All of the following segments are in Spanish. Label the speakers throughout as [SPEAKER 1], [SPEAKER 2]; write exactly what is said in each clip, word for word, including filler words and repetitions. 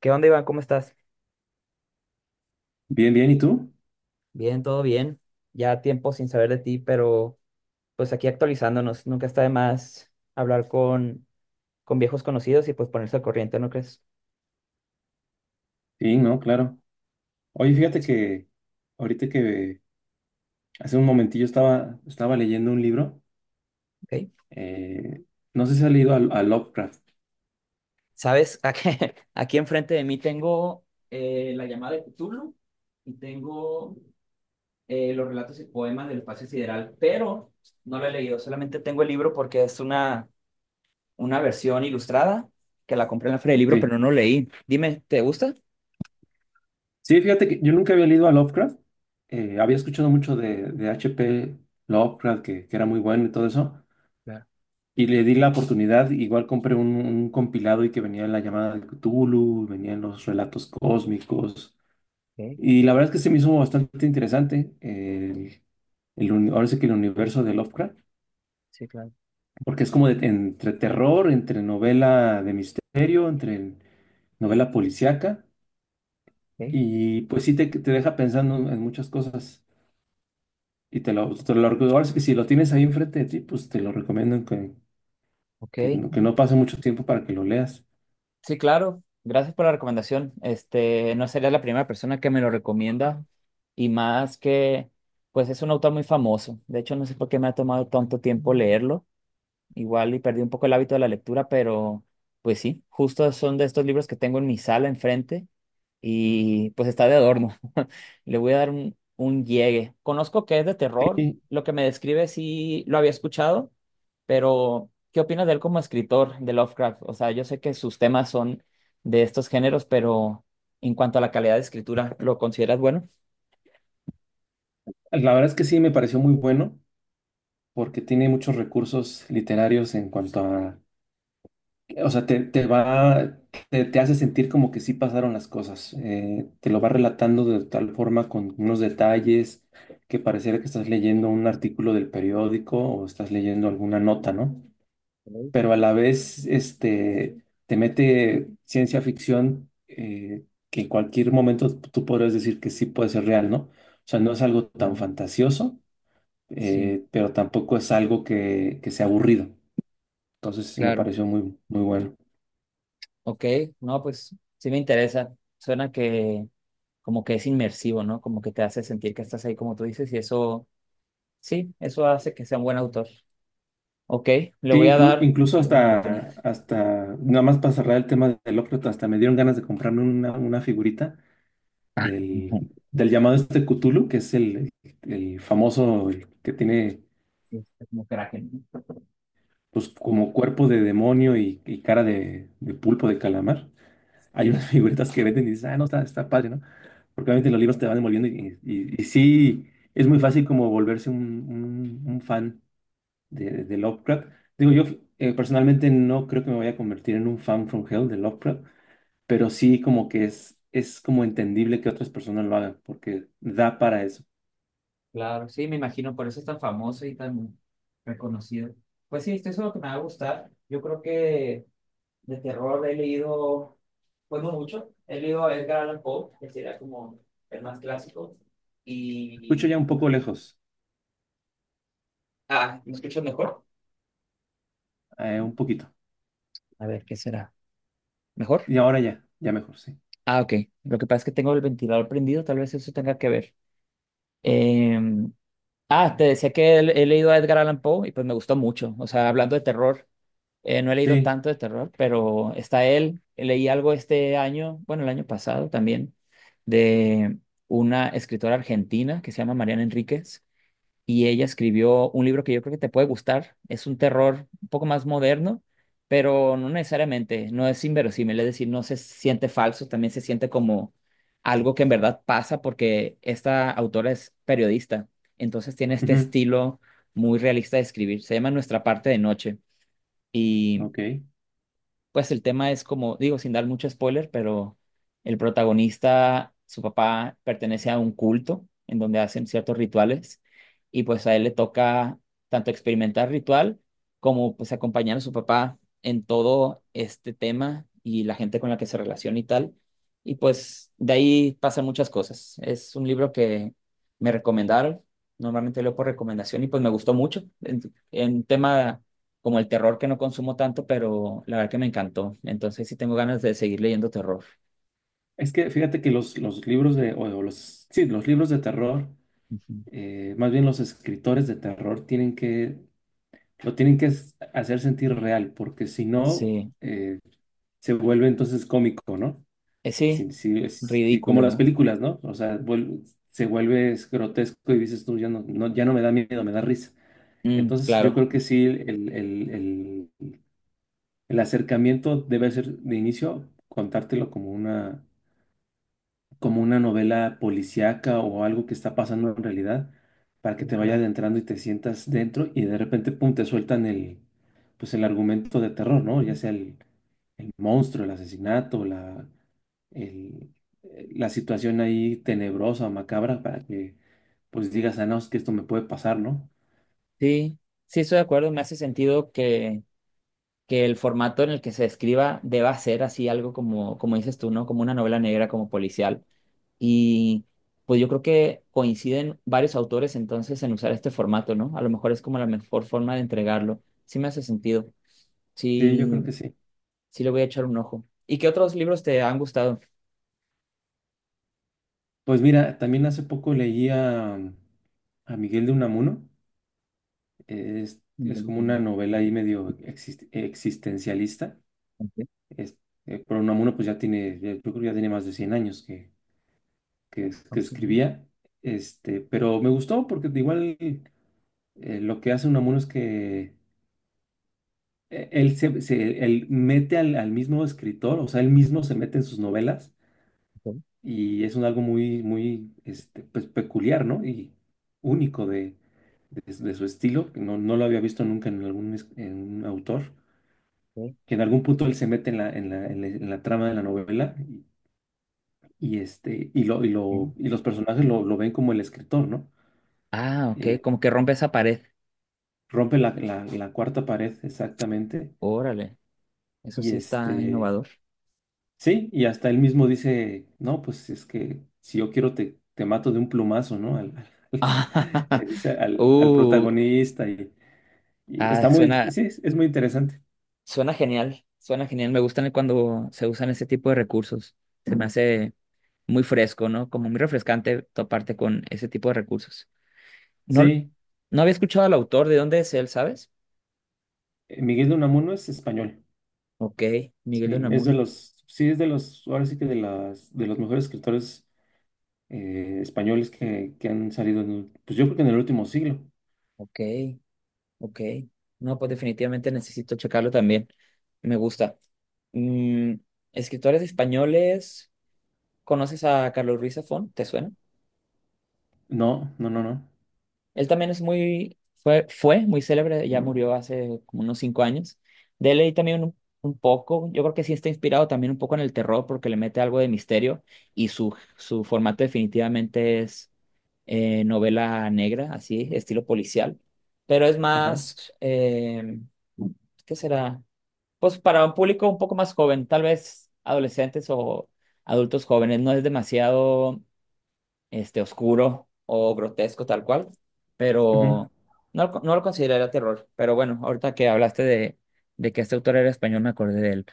[SPEAKER 1] ¿Qué onda, Iván? ¿Cómo estás?
[SPEAKER 2] Bien, bien, ¿y tú?
[SPEAKER 1] Bien, todo bien. Ya tiempo sin saber de ti, pero pues aquí actualizándonos. Nunca está de más hablar con, con viejos conocidos y pues ponerse al corriente, ¿no crees?
[SPEAKER 2] Sí, no, claro. Oye, fíjate que ahorita que hace un momentillo estaba, estaba leyendo un libro,
[SPEAKER 1] Ok.
[SPEAKER 2] eh, no sé si has leído a, a Lovecraft.
[SPEAKER 1] ¿Sabes? Aquí, aquí enfrente de mí tengo eh, la llamada de Cthulhu y tengo eh, los relatos y poemas del espacio sideral, pero no lo he leído. Solamente tengo el libro porque es una, una versión ilustrada que la compré en la feria del libro,
[SPEAKER 2] Sí,
[SPEAKER 1] pero no lo leí. Dime, ¿te gusta?
[SPEAKER 2] sí, fíjate que yo nunca había leído a Lovecraft, eh, había
[SPEAKER 1] Sí,
[SPEAKER 2] escuchado mucho de, de H P Lovecraft, que, que era muy bueno y todo eso,
[SPEAKER 1] claro,
[SPEAKER 2] y le di la oportunidad, igual compré un, un compilado y que venía en la llamada de Cthulhu, venían los relatos cósmicos,
[SPEAKER 1] ok,
[SPEAKER 2] y la verdad es que se me hizo bastante interesante. eh, el, uni- ahora sí que el universo de Lovecraft.
[SPEAKER 1] sí, claro,
[SPEAKER 2] Porque es como de- entre terror, entre novela de misterio, entre novela policíaca.
[SPEAKER 1] ok.
[SPEAKER 2] Y pues sí te, te deja pensando en muchas cosas. Y te lo, te lo recuerdo. Ahora sí que si lo tienes ahí enfrente de ti, pues te lo recomiendo que,
[SPEAKER 1] Ok,
[SPEAKER 2] que, no- que no pase mucho tiempo para que lo leas.
[SPEAKER 1] sí, claro. Gracias por la recomendación. Este, no sería la primera persona que me lo recomienda y más que, pues es un autor muy famoso. De hecho, no sé por qué me ha tomado tanto tiempo leerlo. Igual y perdí un poco el hábito de la lectura, pero pues sí, justo son de estos libros que tengo en mi sala enfrente y pues está de adorno. Le voy a dar un, un llegue. Conozco que es de terror,
[SPEAKER 2] Sí,
[SPEAKER 1] lo que me describe sí lo había escuchado, pero ¿qué opinas de él como escritor de Lovecraft? O sea, yo sé que sus temas son de estos géneros, pero en cuanto a la calidad de escritura, ¿lo consideras bueno?
[SPEAKER 2] la verdad es que sí me pareció muy bueno porque tiene muchos recursos literarios en cuanto a, o sea, te, te va, te, te hace sentir como que sí pasaron las cosas. Eh, te lo va relatando de tal forma con unos detalles que pareciera que estás leyendo un artículo del periódico o estás leyendo alguna nota, ¿no?
[SPEAKER 1] Ok.
[SPEAKER 2] Pero a la vez, este, te mete ciencia ficción, eh, que en cualquier momento tú podrías decir que sí puede ser real, ¿no? O sea, no es algo tan
[SPEAKER 1] Claro.
[SPEAKER 2] fantasioso,
[SPEAKER 1] Sí,
[SPEAKER 2] eh, pero tampoco es algo que, que sea aburrido. Entonces, me
[SPEAKER 1] claro.
[SPEAKER 2] pareció muy, muy bueno.
[SPEAKER 1] Ok, no, pues sí me interesa. Suena que como que es inmersivo, ¿no? Como que te hace sentir que estás ahí como tú dices y eso, sí, eso hace que sea un buen autor. Ok, le
[SPEAKER 2] Sí,
[SPEAKER 1] voy a
[SPEAKER 2] inclu-
[SPEAKER 1] dar
[SPEAKER 2] incluso
[SPEAKER 1] y le doy una oportunidad.
[SPEAKER 2] hasta, hasta, nada más para cerrar el tema del Lovecraft, hasta me dieron ganas de comprarme una, una figurita del, del llamado este Cthulhu, que es el, el famoso, el que tiene
[SPEAKER 1] Sí, está como crack, ¿no?
[SPEAKER 2] pues como cuerpo de demonio y, y cara de, de pulpo de calamar. Hay unas
[SPEAKER 1] Sí,
[SPEAKER 2] figuritas que venden y dices, ah, no, está, está padre, ¿no? Porque obviamente los libros
[SPEAKER 1] sí,
[SPEAKER 2] te van envolviendo y, y, y sí, es muy fácil como volverse un, un, un fan de, de Lovecraft. Digo, yo, eh, personalmente no creo que me vaya a convertir en un fan from hell de Lovecraft, pero sí como que es, es como entendible que otras personas lo hagan, porque da para eso.
[SPEAKER 1] claro, sí, me imagino, por eso es tan famoso y tan reconocido. Pues sí, esto es lo que me va a gustar. Yo creo que de terror he leído, pues no mucho, he leído a Edgar Allan Poe, que sería como el más clásico.
[SPEAKER 2] Escucho
[SPEAKER 1] Y...
[SPEAKER 2] ya un poco lejos,
[SPEAKER 1] Ah, ¿me escuchas mejor?
[SPEAKER 2] eh, un poquito.
[SPEAKER 1] A ver, ¿qué será? ¿Mejor?
[SPEAKER 2] Y ahora ya, ya mejor, sí.
[SPEAKER 1] Ah, ok. Lo que pasa es que tengo el ventilador prendido, tal vez eso tenga que ver. Em, Ah, te decía que he, he leído a Edgar Allan Poe y pues me gustó mucho. O sea, hablando de terror, eh, no he leído
[SPEAKER 2] Sí,
[SPEAKER 1] tanto de terror, pero está él. Leí algo este año, bueno, el año pasado también, de una escritora argentina que se llama Mariana Enríquez y ella escribió un libro que yo creo que te puede gustar. Es un terror un poco más moderno, pero no necesariamente, no es inverosímil, es decir, no se siente falso, también se siente como algo que en verdad pasa porque esta autora es periodista, entonces tiene este
[SPEAKER 2] ujú,
[SPEAKER 1] estilo muy realista de escribir. Se llama Nuestra parte de noche. Y
[SPEAKER 2] ok.
[SPEAKER 1] pues el tema es como, digo, sin dar mucho spoiler, pero el protagonista, su papá pertenece a un culto en donde hacen ciertos rituales y pues a él le toca tanto experimentar ritual como pues acompañar a su papá en todo este tema y la gente con la que se relaciona y tal. Y pues de ahí pasan muchas cosas. Es un libro que me recomendaron, normalmente leo por recomendación y pues me gustó mucho en, en tema como el terror que no consumo tanto, pero la verdad que me encantó. Entonces sí tengo ganas de seguir leyendo terror.
[SPEAKER 2] Es que fíjate que los, los libros de, o, o los, sí, los libros de terror,
[SPEAKER 1] Ujú.
[SPEAKER 2] eh, más bien los escritores de terror tienen que, lo tienen que s- hacer sentir real, porque si no,
[SPEAKER 1] Sí.
[SPEAKER 2] eh, se vuelve entonces cómico, ¿no?
[SPEAKER 1] Eh, sí,
[SPEAKER 2] Sí, sí, es y como
[SPEAKER 1] ridículo,
[SPEAKER 2] las
[SPEAKER 1] ¿no?
[SPEAKER 2] películas, ¿no? O sea, vuel- se vuelve es grotesco y dices tú, ya no, no, ya no me da miedo, me da risa.
[SPEAKER 1] Mm,
[SPEAKER 2] Entonces, yo
[SPEAKER 1] claro.
[SPEAKER 2] creo que sí, el, el- el- el acercamiento debe ser de inicio contártelo como una, como una novela policíaca o algo que está pasando en realidad para que
[SPEAKER 1] Sí,
[SPEAKER 2] te vaya
[SPEAKER 1] claro.
[SPEAKER 2] adentrando y te sientas dentro y de repente, pum, te sueltan el, pues el argumento de terror, ¿no? Ya sea el, el monstruo, el asesinato, la, el- eh, la situación ahí tenebrosa, macabra, para que pues digas, ah, no, es que esto me puede pasar, ¿no?
[SPEAKER 1] Sí, sí estoy de acuerdo, me hace sentido que, que el formato en el que se escriba deba ser así algo como, como dices tú, ¿no? Como una novela negra, como policial. Y pues yo creo que coinciden varios autores entonces en usar este formato, ¿no? A lo mejor es como la mejor forma de entregarlo. Sí me hace sentido.
[SPEAKER 2] Sí, yo
[SPEAKER 1] Sí.
[SPEAKER 2] creo que sí.
[SPEAKER 1] Sí, le voy a echar un ojo. ¿Y qué otros libros te han gustado?
[SPEAKER 2] Pues mira, también hace poco leí a, a Miguel de Unamuno, eh, es,
[SPEAKER 1] Miguel
[SPEAKER 2] es
[SPEAKER 1] de
[SPEAKER 2] como
[SPEAKER 1] Unamuno.
[SPEAKER 2] una novela ahí medio exist- existencialista,
[SPEAKER 1] Ok,
[SPEAKER 2] es, eh, pero Unamuno pues ya tiene, ya- yo creo que ya tiene más de cien años que, que, es- que
[SPEAKER 1] ok,
[SPEAKER 2] escribía, este, pero me gustó porque igual, eh, lo que hace Unamuno es que, eh, él se, se- él mete al, al mismo escritor, o sea, él mismo se mete en sus novelas
[SPEAKER 1] ok,
[SPEAKER 2] y es un algo muy, muy, este, pues, peculiar, ¿no? Y único de, de, de su estilo, que no, no lo había visto nunca en algún es- en un autor,
[SPEAKER 1] ok.
[SPEAKER 2] que en algún punto él se mete en la, en la, en la, en la trama de la novela y, y, este, y, lo, y, lo,
[SPEAKER 1] Ok.
[SPEAKER 2] y los personajes lo, lo ven como el escritor, ¿no?
[SPEAKER 1] Ah, ok,
[SPEAKER 2] Eh,
[SPEAKER 1] como que rompe esa pared.
[SPEAKER 2] rompe la, la, la cuarta pared exactamente
[SPEAKER 1] Órale, eso
[SPEAKER 2] y
[SPEAKER 1] sí está
[SPEAKER 2] este...
[SPEAKER 1] innovador.
[SPEAKER 2] Sí, y hasta él mismo dice, no, pues es que si yo quiero te, te mato de un plumazo, ¿no? Al, al- le dice al, al
[SPEAKER 1] Uh,
[SPEAKER 2] protagonista y, y
[SPEAKER 1] ah,
[SPEAKER 2] está muy,
[SPEAKER 1] suena,
[SPEAKER 2] sí, es, es muy interesante.
[SPEAKER 1] suena genial, suena genial. Me gustan cuando se usan ese tipo de recursos. Se me hace muy fresco, ¿no? Como muy refrescante toparte con ese tipo de recursos. No,
[SPEAKER 2] Sí,
[SPEAKER 1] no había escuchado al autor, ¿de dónde es él, sabes?
[SPEAKER 2] eh, Miguel de Unamuno es español,
[SPEAKER 1] Ok. Miguel de
[SPEAKER 2] sí, es de
[SPEAKER 1] Unamuno.
[SPEAKER 2] los, sí, es de los, ahora sí que de las, de los mejores escritores eh, españoles que, que han salido, en, el- pues yo creo que en el último siglo.
[SPEAKER 1] Ok. Ok. No, pues definitivamente necesito checarlo también. Me gusta. Mm, escritores españoles. ¿Conoces a Carlos Ruiz Zafón? ¿Te suena?
[SPEAKER 2] No, no, no, no,
[SPEAKER 1] Él también es muy, fue, fue muy célebre, ya murió hace como unos cinco años. De él leí también un, un poco, yo creo que sí está inspirado también un poco en el terror porque le mete algo de misterio y su, su formato definitivamente es eh, novela negra, así, estilo policial, pero es
[SPEAKER 2] ajá,
[SPEAKER 1] más, eh, ¿qué será? Pues para un público un poco más joven, tal vez adolescentes o adultos jóvenes, no es demasiado este, oscuro o grotesco tal cual,
[SPEAKER 2] ujú.
[SPEAKER 1] pero no, lo- no lo consideraría terror. Pero bueno, ahorita que hablaste de, de que este autor era español, me acordé de él.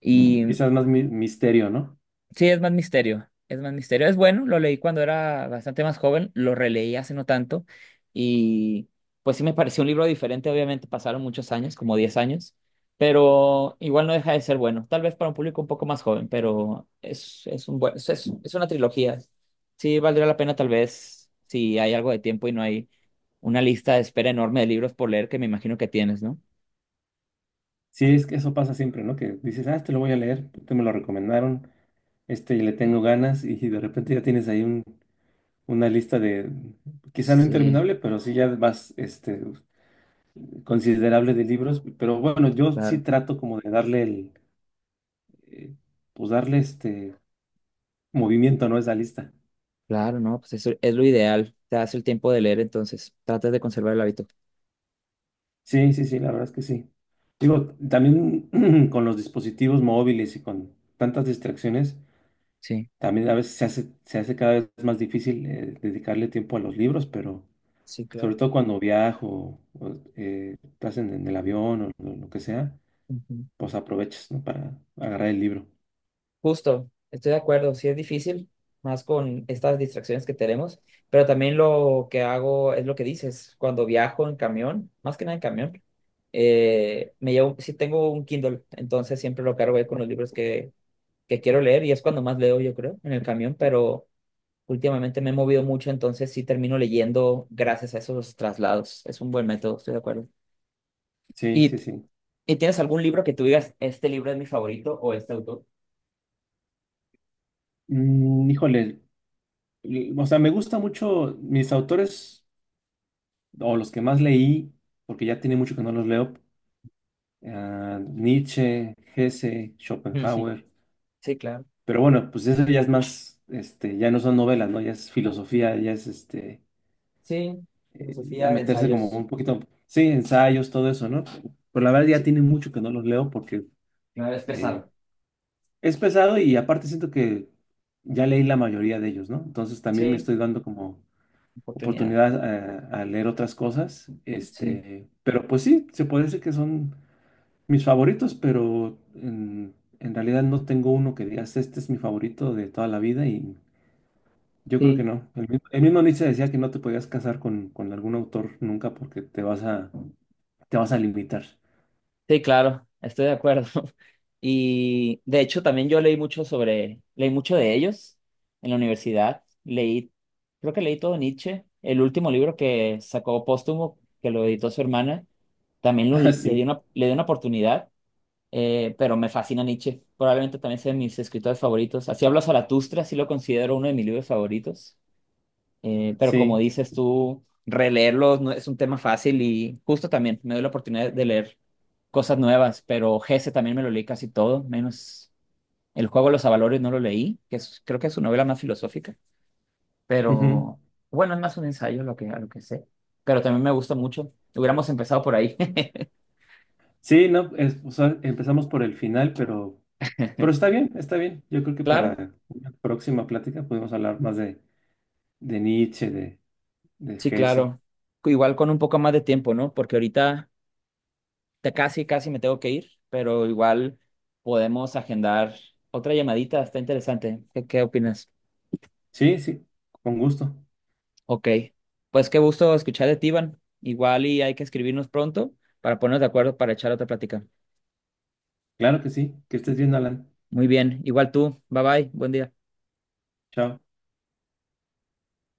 [SPEAKER 1] Y
[SPEAKER 2] Quizás más mi- misterio, ¿no?
[SPEAKER 1] Sí, es más misterio. Es más misterio. Es bueno, lo leí cuando era bastante más joven, lo releí hace no tanto y pues sí me pareció un libro diferente, obviamente pasaron muchos años, como diez años, pero igual no deja de ser bueno. Tal vez para un público un poco más joven, pero es, es un buen, es, es es una trilogía. Sí, valdría la pena tal vez si hay algo de tiempo y no hay una lista de espera enorme de libros por leer que me imagino que tienes, ¿no?
[SPEAKER 2] Sí, es que eso pasa siempre, ¿no? Que dices, ah, este lo voy a leer, te me lo recomendaron, este le
[SPEAKER 1] Sí.
[SPEAKER 2] tengo ganas y de repente ya tienes ahí un, una lista de, quizá no
[SPEAKER 1] Sí,
[SPEAKER 2] interminable, pero sí ya vas, este, considerable de libros. Pero bueno, yo sí
[SPEAKER 1] claro.
[SPEAKER 2] trato como de darle el, eh, pues darle este movimiento, ¿no? A esa lista.
[SPEAKER 1] Claro, no, pues eso es lo ideal. Te das el tiempo de leer, entonces tratas de conservar el hábito.
[SPEAKER 2] Sí, sí, sí, la verdad es que sí. Digo, también con los dispositivos móviles y con tantas distracciones,
[SPEAKER 1] Sí,
[SPEAKER 2] también a veces se hace, se hace cada vez más difícil, eh, dedicarle tiempo a los libros, pero...
[SPEAKER 1] sí,
[SPEAKER 2] sobre
[SPEAKER 1] claro.
[SPEAKER 2] todo cuando viajo, o, eh, estás en, en el avión o lo, lo que sea,
[SPEAKER 1] Ujú.
[SPEAKER 2] pues aprovechas, ¿no? Para agarrar el libro.
[SPEAKER 1] Justo, estoy de acuerdo, sí es difícil, más con estas distracciones que tenemos, pero también lo que hago es lo que dices, cuando viajo en camión, más que nada en camión, eh, me llevo, sí tengo un Kindle, entonces siempre lo cargo ahí con los libros que, que quiero leer y es cuando más leo, yo creo, en el camión, pero Últimamente me he movido mucho, entonces sí termino leyendo gracias a esos traslados. Es un buen método, estoy de acuerdo.
[SPEAKER 2] Sí,
[SPEAKER 1] ¿Y,
[SPEAKER 2] sí, sí.
[SPEAKER 1] y tienes algún libro que tú digas, este libro es mi favorito o este autor?
[SPEAKER 2] Mm, híjole, l- o sea, me gusta mucho mis autores, o los que más leí, porque ya tiene mucho que no los leo, ah, Nietzsche, Hesse,
[SPEAKER 1] Ujú.
[SPEAKER 2] Schopenhauer,
[SPEAKER 1] Sí, claro.
[SPEAKER 2] pero bueno, pues eso ya es más, este, ya no son novelas, ¿no? Ya es filosofía, ya es este,
[SPEAKER 1] Sí,
[SPEAKER 2] eh,
[SPEAKER 1] filosofía
[SPEAKER 2] ya
[SPEAKER 1] de
[SPEAKER 2] meterse como
[SPEAKER 1] ensayos.
[SPEAKER 2] un poquito, sí, ensayos, todo eso, ¿no? Pero la verdad ya
[SPEAKER 1] Sí,
[SPEAKER 2] tiene mucho que no los leo porque,
[SPEAKER 1] claro, es
[SPEAKER 2] eh,
[SPEAKER 1] pesado.
[SPEAKER 2] es pesado y aparte siento que ya leí la mayoría de ellos, ¿no? Entonces también me
[SPEAKER 1] Sí,
[SPEAKER 2] estoy dando como
[SPEAKER 1] oportunidad.
[SPEAKER 2] oportunidad a, a leer otras cosas,
[SPEAKER 1] Sí.
[SPEAKER 2] este, pero pues sí, se puede decir que son mis favoritos, pero en, en realidad no tengo uno que digas, este es mi favorito de toda la vida y... Yo creo que
[SPEAKER 1] Sí.
[SPEAKER 2] no. El mismo, el mismo Nietzsche decía que no te podías casar con, con algún autor nunca porque te vas a, te vas a limitar.
[SPEAKER 1] Sí, claro, estoy de acuerdo. Y de hecho también yo leí mucho sobre, leí mucho de ellos en la universidad. Leí, creo que leí todo Nietzsche. El último libro que sacó póstumo, que lo editó su hermana, también lo- le di
[SPEAKER 2] Sí,
[SPEAKER 1] una, le di una oportunidad, eh, pero me fascina Nietzsche. Probablemente también sea de mis escritores favoritos. Así hablo Zaratustra, sí lo considero uno de mis libros favoritos. Eh, pero como
[SPEAKER 2] sí.
[SPEAKER 1] dices tú, releerlos no es un tema fácil y justo también me doy la oportunidad de leer cosas nuevas, pero Gese también me lo leí casi todo, menos El juego de los avalores no lo leí, que es- creo que es su novela más filosófica,
[SPEAKER 2] Ujú.
[SPEAKER 1] pero bueno, es más un ensayo lo que, a lo que sé, pero también me gusta mucho. Hubiéramos empezado por ahí.
[SPEAKER 2] Sí, no, es- o sea, empezamos por el final, pero, pero está bien, está bien. Yo creo que
[SPEAKER 1] Claro,
[SPEAKER 2] para una próxima plática podemos hablar más de, de Nietzsche, de, de
[SPEAKER 1] sí,
[SPEAKER 2] Hesse.
[SPEAKER 1] claro. Igual con un poco más de tiempo, ¿no? Porque ahorita te casi, casi me tengo que ir, pero igual podemos agendar otra llamadita, está interesante. ¿Qué, qué opinas?
[SPEAKER 2] Sí, sí, con gusto.
[SPEAKER 1] Ok, pues qué gusto escuchar de ti, Iván. Igual y hay que escribirnos pronto para ponernos de acuerdo para echar otra plática.
[SPEAKER 2] Claro que sí. Que estés bien, Alan.
[SPEAKER 1] Muy bien, igual tú, bye bye, buen día.
[SPEAKER 2] Chao.